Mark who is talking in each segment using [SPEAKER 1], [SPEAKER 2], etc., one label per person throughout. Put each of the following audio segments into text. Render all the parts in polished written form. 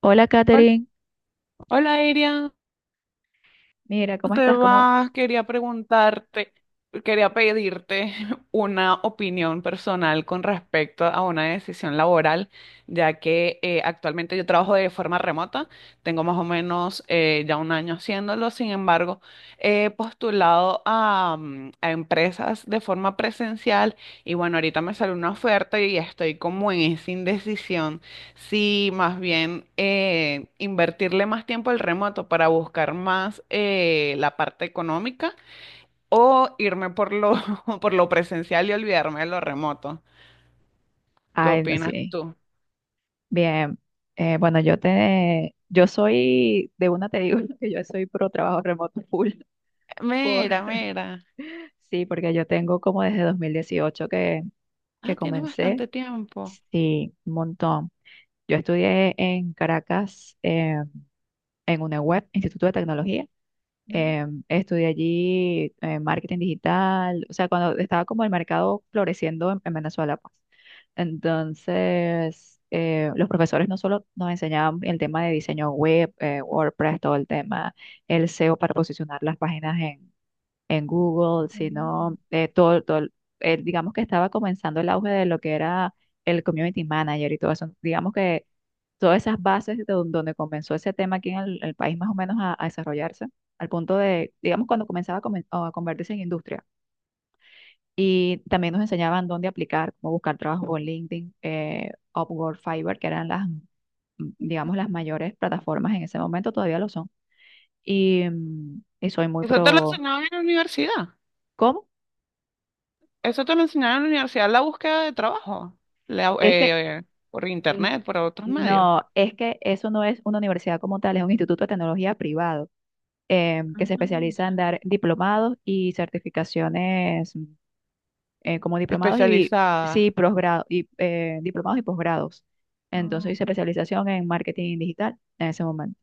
[SPEAKER 1] Hola,
[SPEAKER 2] Hol-
[SPEAKER 1] Katherine.
[SPEAKER 2] Hola, Iria,
[SPEAKER 1] Mira,
[SPEAKER 2] ¿cómo
[SPEAKER 1] ¿cómo
[SPEAKER 2] te
[SPEAKER 1] estás? ¿Cómo?
[SPEAKER 2] va? Quería pedirte una opinión personal con respecto a una decisión laboral, ya que actualmente yo trabajo de forma remota, tengo más o menos ya un año haciéndolo. Sin embargo, he postulado a empresas de forma presencial y bueno, ahorita me salió una oferta y estoy como en esa indecisión. Sí, más bien invertirle más tiempo al remoto para buscar más la parte económica, o irme por lo, por lo presencial y olvidarme de lo remoto. ¿Qué
[SPEAKER 1] Ay, no,
[SPEAKER 2] opinas
[SPEAKER 1] sí.
[SPEAKER 2] tú?
[SPEAKER 1] Bien. Bueno, yo soy, de una te digo que yo soy pro trabajo remoto full. Por,
[SPEAKER 2] Mira, mira.
[SPEAKER 1] sí, porque yo tengo como desde 2018
[SPEAKER 2] Ah,
[SPEAKER 1] que
[SPEAKER 2] tiene
[SPEAKER 1] comencé.
[SPEAKER 2] bastante tiempo.
[SPEAKER 1] Sí, un montón. Yo estudié en Caracas, en UNEWeb, Instituto de Tecnología.
[SPEAKER 2] Ya.
[SPEAKER 1] Estudié allí marketing digital, o sea, cuando estaba como el mercado floreciendo en Venezuela, pues. Entonces, los profesores no solo nos enseñaban el tema de diseño web, WordPress, todo el tema, el SEO para posicionar las páginas en Google,
[SPEAKER 2] Mm.
[SPEAKER 1] sino todo digamos que estaba comenzando el auge de lo que era el community manager y todo eso. Digamos que todas esas bases de donde comenzó ese tema aquí en el país más o menos a desarrollarse, al punto de, digamos, cuando comenzaba a convertirse en industria. Y también nos enseñaban dónde aplicar, cómo buscar trabajo por LinkedIn, Upwork, Fiverr, que eran digamos, las mayores plataformas en ese momento, todavía lo son. Y y soy muy
[SPEAKER 2] ¿Eso te lo
[SPEAKER 1] pro.
[SPEAKER 2] enseñaron en la universidad?
[SPEAKER 1] ¿Cómo?
[SPEAKER 2] Eso te lo enseñaron en la universidad, la búsqueda de trabajo, la-
[SPEAKER 1] Es que...
[SPEAKER 2] eh, por
[SPEAKER 1] mm,
[SPEAKER 2] internet, por otros medios.
[SPEAKER 1] no, es que eso no es una universidad como tal, es un instituto de tecnología privado que se especializa
[SPEAKER 2] Anda.
[SPEAKER 1] en dar diplomados y certificaciones como diplomados y sí,
[SPEAKER 2] Especializada.
[SPEAKER 1] posgrado, y diplomados y posgrados.
[SPEAKER 2] Ah,
[SPEAKER 1] Entonces
[SPEAKER 2] ok.
[SPEAKER 1] hice especialización en marketing digital en ese momento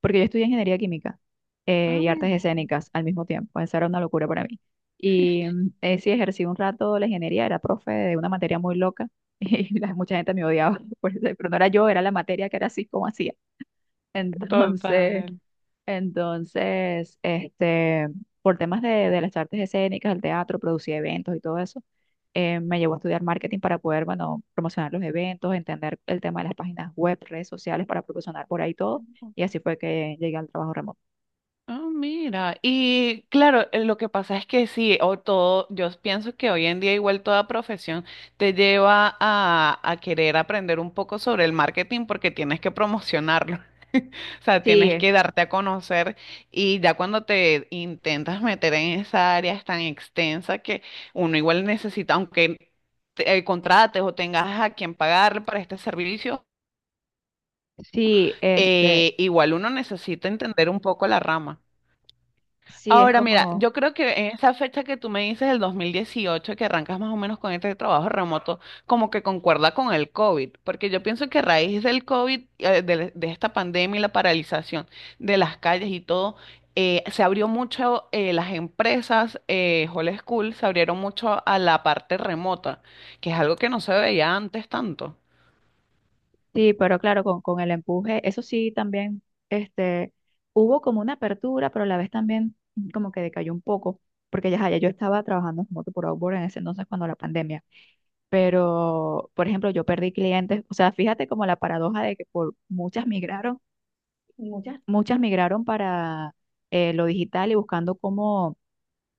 [SPEAKER 1] porque yo estudié ingeniería química
[SPEAKER 2] Ah,
[SPEAKER 1] y artes
[SPEAKER 2] mira.
[SPEAKER 1] escénicas al mismo tiempo. Esa era una locura para mí. Y sí, ejercí un rato la ingeniería, era profe de una materia muy loca y mucha gente me odiaba, por eso, pero no era yo, era la materia que era así como hacía.
[SPEAKER 2] Total.
[SPEAKER 1] Entonces, entonces, por temas de las artes escénicas, el teatro, producía eventos y todo eso, me llevó a estudiar marketing para poder, bueno, promocionar los eventos, entender el tema de las páginas web, redes sociales para promocionar por ahí todo. Y así fue que llegué al trabajo remoto.
[SPEAKER 2] Ah, mira, y claro, lo que pasa es que sí, o todo, yo pienso que hoy en día igual toda profesión te lleva a querer aprender un poco sobre el marketing porque tienes que promocionarlo, o sea,
[SPEAKER 1] Sí,
[SPEAKER 2] tienes que darte a conocer, y ya cuando te intentas meter en esa área es tan extensa que uno igual necesita, aunque contrates o tengas a quien pagarle para este servicio,
[SPEAKER 1] sí, este,
[SPEAKER 2] igual uno necesita entender un poco la rama.
[SPEAKER 1] sí, es
[SPEAKER 2] Ahora, mira,
[SPEAKER 1] como,
[SPEAKER 2] yo creo que en esa fecha que tú me dices, el 2018, que arrancas más o menos con este trabajo remoto, como que concuerda con el COVID, porque yo pienso que a raíz del COVID, de esta pandemia y la paralización de las calles y todo, se abrió mucho las empresas, Whole School, se abrieron mucho a la parte remota, que es algo que no se veía antes tanto.
[SPEAKER 1] sí, pero claro, con el empuje, eso sí, también, este, hubo como una apertura, pero a la vez también como que decayó un poco, porque ya yo estaba trabajando como por Outboard en ese entonces cuando la pandemia. Pero, por ejemplo, yo perdí clientes, o sea, fíjate como la paradoja de que por muchas migraron, muchas. Muchas migraron para lo digital y buscando cómo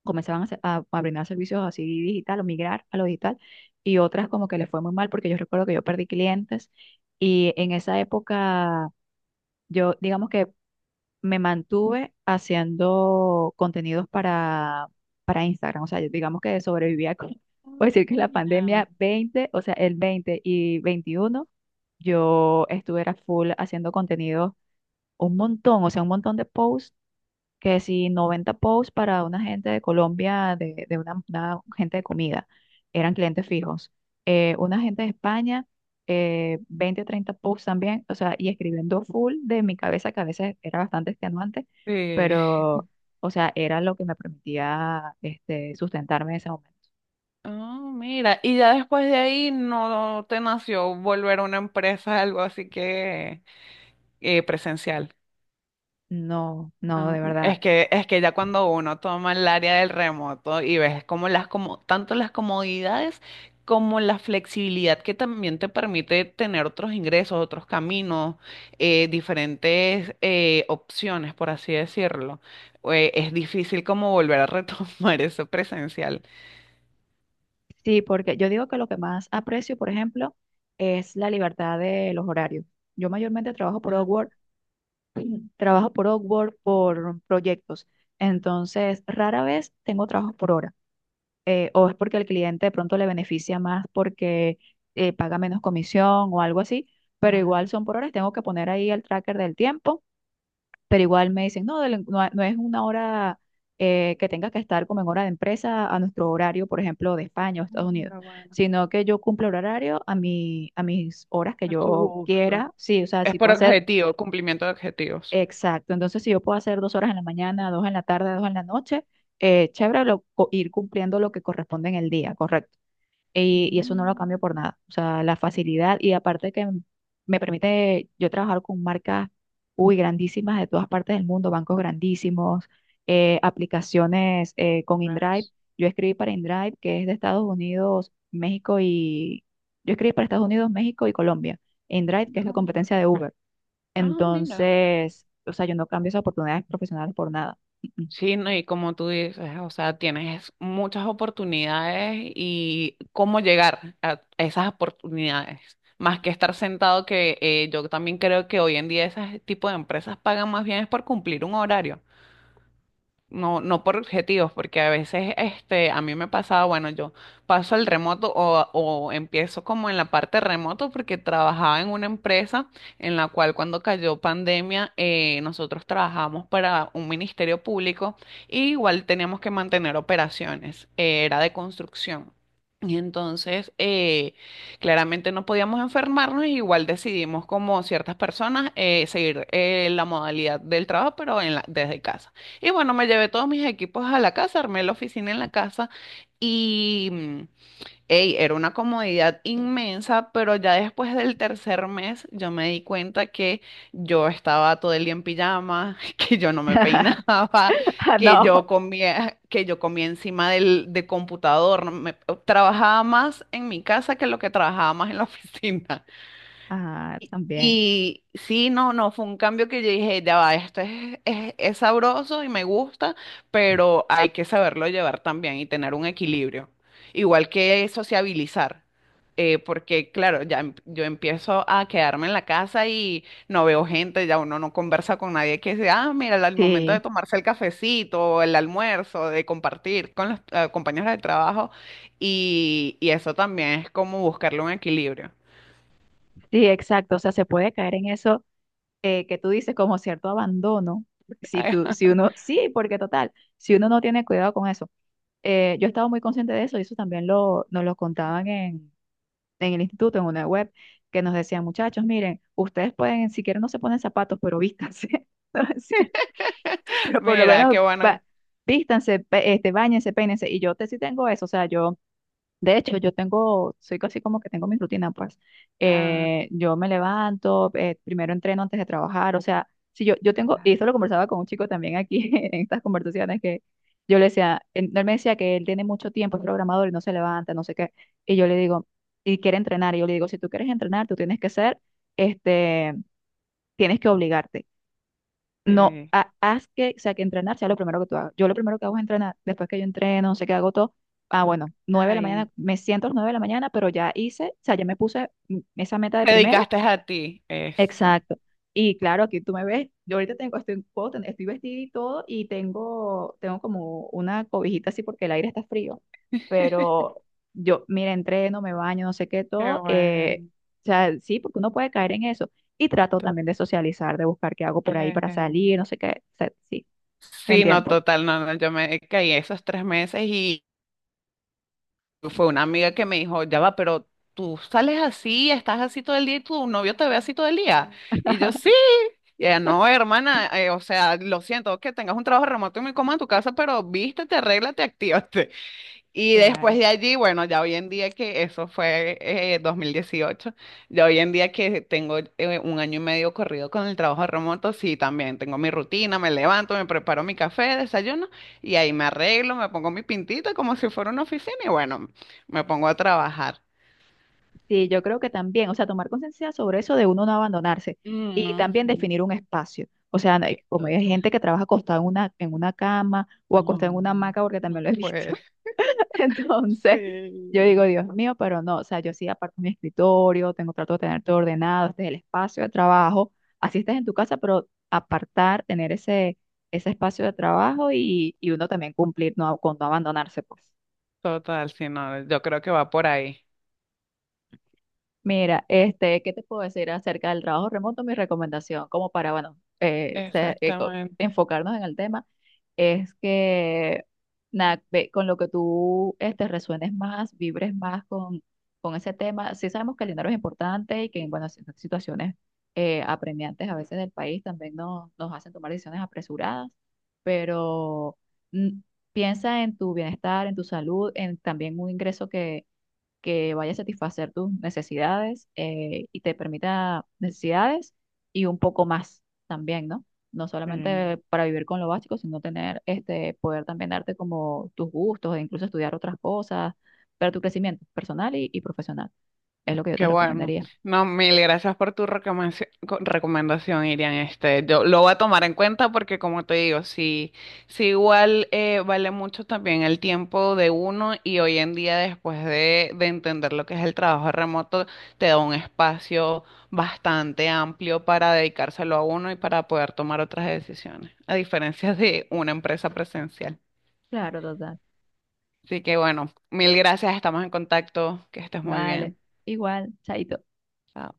[SPEAKER 1] comenzaban a brindar servicios así digital o migrar a lo digital, y otras como que les fue muy mal porque yo recuerdo que yo perdí clientes, y en esa época yo digamos que me mantuve haciendo contenidos para Instagram. O sea, yo digamos que sobrevivía con,
[SPEAKER 2] Ah,
[SPEAKER 1] puedo decir que la
[SPEAKER 2] mira.
[SPEAKER 1] pandemia 20, o sea, el 20 y 21 yo estuve era full haciendo contenidos un montón, o sea, un montón de posts que si 90 posts para una gente de Colombia, una gente de comida, eran clientes fijos. Una gente de España, 20 o 30 posts también, o sea, y escribiendo full de mi cabeza, que a veces era bastante extenuante,
[SPEAKER 2] Sí.
[SPEAKER 1] pero, o sea, era lo que me permitía sustentarme en ese momento.
[SPEAKER 2] Ah, mira, y ya después de ahí no te nació volver a una empresa, algo así que presencial.
[SPEAKER 1] No, no, de
[SPEAKER 2] No,
[SPEAKER 1] verdad.
[SPEAKER 2] es que ya cuando uno toma el área del remoto y ves como las, como tanto las comodidades como la flexibilidad, que también te permite tener otros ingresos, otros caminos, diferentes opciones, por así decirlo, es difícil como volver a retomar eso presencial.
[SPEAKER 1] Sí, porque yo digo que lo que más aprecio, por ejemplo, es la libertad de los horarios. Yo mayormente trabajo por
[SPEAKER 2] Ah,
[SPEAKER 1] Upwork. Trabajo por Upwork, por proyectos. Entonces, rara vez tengo trabajos por hora. O es porque al cliente de pronto le beneficia más porque paga menos comisión o algo así, pero
[SPEAKER 2] la-
[SPEAKER 1] igual son por horas. Tengo que poner ahí el tracker del tiempo, pero igual me dicen, no, no es una hora que tenga que estar como en hora de empresa a nuestro horario, por ejemplo, de España o Estados Unidos,
[SPEAKER 2] Mira, bueno.
[SPEAKER 1] sino que yo cumplo el horario a mis horas que
[SPEAKER 2] A tu
[SPEAKER 1] yo
[SPEAKER 2] gusto.
[SPEAKER 1] quiera. Sí, o sea,
[SPEAKER 2] Es
[SPEAKER 1] si
[SPEAKER 2] por
[SPEAKER 1] puedo hacer.
[SPEAKER 2] objetivo, cumplimiento de objetivos.
[SPEAKER 1] Exacto, entonces si yo puedo hacer dos horas en la mañana, dos en la tarde, dos en la noche, chévere ir cumpliendo lo que corresponde en el día, correcto. Y eso no lo
[SPEAKER 2] Mm.
[SPEAKER 1] cambio por nada. O sea, la facilidad y aparte que me permite yo trabajar con marcas, uy, grandísimas de todas partes del mundo, bancos grandísimos, aplicaciones con InDrive.
[SPEAKER 2] ¿Ves?
[SPEAKER 1] Yo escribí para InDrive, que es de Estados Unidos, México y... Yo escribí para Estados Unidos, México y Colombia. InDrive, que
[SPEAKER 2] No,
[SPEAKER 1] es la
[SPEAKER 2] mira.
[SPEAKER 1] competencia de Uber.
[SPEAKER 2] No, mira.
[SPEAKER 1] Entonces, o sea, yo no cambio esas oportunidades profesionales por nada.
[SPEAKER 2] Sí, no, y como tú dices, o sea, tienes muchas oportunidades y cómo llegar a esas oportunidades, más que estar sentado, que yo también creo que hoy en día ese tipo de empresas pagan más bien es por cumplir un horario. No, no por objetivos, porque a veces este, a mí me pasaba, bueno, yo paso al remoto o empiezo como en la parte remoto porque trabajaba en una empresa en la cual cuando cayó pandemia nosotros trabajamos para un ministerio público, y igual teníamos que mantener operaciones, era de construcción. Y entonces, claramente no podíamos enfermarnos, y igual decidimos como ciertas personas seguir la modalidad del trabajo, pero desde casa. Y bueno, me llevé todos mis equipos a la casa, armé la oficina en la casa y ey, era una comodidad inmensa, pero ya después del tercer mes yo me di cuenta que yo estaba todo el día en pijama, que yo no me peinaba,
[SPEAKER 1] Ah, no.
[SPEAKER 2] que yo comía encima del computador, no me- trabajaba más en mi casa que lo que trabajaba más en la oficina.
[SPEAKER 1] Ah, también.
[SPEAKER 2] Y sí, no, no, fue un cambio que yo dije, ya va, esto es sabroso y me gusta, pero hay que saberlo llevar también y tener un equilibrio. Igual que sociabilizar, porque claro, yo empiezo a quedarme en la casa y no veo gente, ya uno no conversa con nadie, que sea, ah, mira, al momento de
[SPEAKER 1] Sí,
[SPEAKER 2] tomarse el cafecito, o el almuerzo, de compartir con los compañeros de trabajo, y eso también es como buscarle un equilibrio.
[SPEAKER 1] sí, exacto. O sea, se puede caer en eso que tú dices como cierto abandono. Si tú, si uno, Sí, porque total, si uno no tiene cuidado con eso. Yo estaba muy consciente de eso y eso también nos lo contaban en el instituto, en una web, que nos decían, muchachos, miren, ustedes pueden, si quieren no se ponen zapatos, pero vístanse. Pero por lo
[SPEAKER 2] Mira,
[SPEAKER 1] menos
[SPEAKER 2] qué bueno.
[SPEAKER 1] va, vístanse, báñense, peínense. Y sí tengo eso, o sea, yo, de hecho, yo tengo, soy casi como que tengo mi rutina, pues.
[SPEAKER 2] Ah,
[SPEAKER 1] Yo me levanto, primero entreno antes de trabajar, o sea, si yo, yo tengo, y esto lo conversaba con un chico también aquí en estas conversaciones que yo le decía, él me decía que él tiene mucho tiempo, es programador y no se levanta, no sé qué. Y yo le digo, y quiere entrenar, y yo le digo, si tú quieres entrenar, tú tienes que ser, este, tienes que obligarte. No,
[SPEAKER 2] sí.
[SPEAKER 1] haz que, o sea, que entrenar sea lo primero que tú hagas. Yo lo primero que hago es entrenar. Después que yo entreno, no sé qué hago todo. Ah, bueno, nueve de la
[SPEAKER 2] Ay,
[SPEAKER 1] mañana, me siento a las 9 de la mañana, pero ya hice, o sea, ya me puse esa meta de
[SPEAKER 2] te
[SPEAKER 1] primero.
[SPEAKER 2] dedicaste a ti. Eso.
[SPEAKER 1] Exacto. Y claro, aquí tú me ves. Yo ahorita puedo estoy vestida y todo, tengo como una cobijita así porque el aire está frío. Pero yo, mira, entreno, me baño, no sé qué,
[SPEAKER 2] Qué
[SPEAKER 1] todo.
[SPEAKER 2] bueno.
[SPEAKER 1] O sea, sí, porque uno puede caer en eso. Y trato
[SPEAKER 2] to-
[SPEAKER 1] también de socializar, de buscar qué hago por ahí para
[SPEAKER 2] eh,
[SPEAKER 1] salir, no sé qué. O sea, sí, te
[SPEAKER 2] Sí, no,
[SPEAKER 1] entiendo.
[SPEAKER 2] total, no, no, yo me caí esos tres meses y fue una amiga que me dijo, ya va, pero tú sales así, estás así todo el día y tu novio te ve así todo el día. Y yo, sí. Y ella, no, hermana, o sea, lo siento que tengas un trabajo remoto y me coma en tu casa, pero vístete, arréglate, actívate. Y después
[SPEAKER 1] Claro.
[SPEAKER 2] de allí, bueno, ya hoy en día, que eso fue 2018, ya hoy en día que tengo un año y medio corrido con el trabajo remoto, sí, también tengo mi rutina, me levanto, me preparo mi café, desayuno y ahí me arreglo, me pongo mi pintita como si fuera una oficina y bueno, me pongo a trabajar.
[SPEAKER 1] Sí, yo creo que también, o sea, tomar conciencia sobre eso de uno no abandonarse y
[SPEAKER 2] Ujú.
[SPEAKER 1] también definir un espacio. O sea, no hay- como hay
[SPEAKER 2] Total.
[SPEAKER 1] gente que trabaja acostada en una cama o acostada en una
[SPEAKER 2] No,
[SPEAKER 1] hamaca, porque también
[SPEAKER 2] no,
[SPEAKER 1] lo he visto.
[SPEAKER 2] pues
[SPEAKER 1] Entonces, yo digo,
[SPEAKER 2] sí.
[SPEAKER 1] Dios mío, pero no, o sea, yo sí aparto mi escritorio, tengo trato de tener todo ordenado, este es el espacio de trabajo, así estés en tu casa, pero apartar, tener ese espacio de trabajo y uno también cumplir no, con no abandonarse, pues.
[SPEAKER 2] Total, sí, no, yo creo que va por ahí.
[SPEAKER 1] Mira, ¿qué te puedo decir acerca del trabajo remoto? Mi recomendación, como para, bueno,
[SPEAKER 2] Exactamente.
[SPEAKER 1] enfocarnos en el tema, es que nada, ve con lo que tú resuenes más, vibres más con ese tema. Sí sabemos que el dinero es importante y que, bueno, situaciones apremiantes a veces del país también nos hacen tomar decisiones apresuradas, pero mm, piensa en tu bienestar, en tu salud, en también un ingreso que vaya a satisfacer tus necesidades y te permita necesidades y un poco más también, ¿no? No
[SPEAKER 2] Sí.
[SPEAKER 1] solamente para vivir con lo básico, sino tener este poder también darte como tus gustos e incluso estudiar otras cosas para tu crecimiento personal y profesional. Es lo que yo te
[SPEAKER 2] Qué bueno.
[SPEAKER 1] recomendaría.
[SPEAKER 2] No, mil gracias por tu recomendación, Irian. Este, yo lo voy a tomar en cuenta porque, como te digo, sí, sí igual vale mucho también el tiempo de uno y hoy en día, después de entender lo que es el trabajo remoto, te da un espacio bastante amplio para dedicárselo a uno y para poder tomar otras decisiones, a diferencia de una empresa presencial.
[SPEAKER 1] Claro, total.
[SPEAKER 2] Así que, bueno, mil gracias. Estamos en contacto. Que estés muy
[SPEAKER 1] Vale.
[SPEAKER 2] bien.
[SPEAKER 1] Igual, chaito.
[SPEAKER 2] Chao.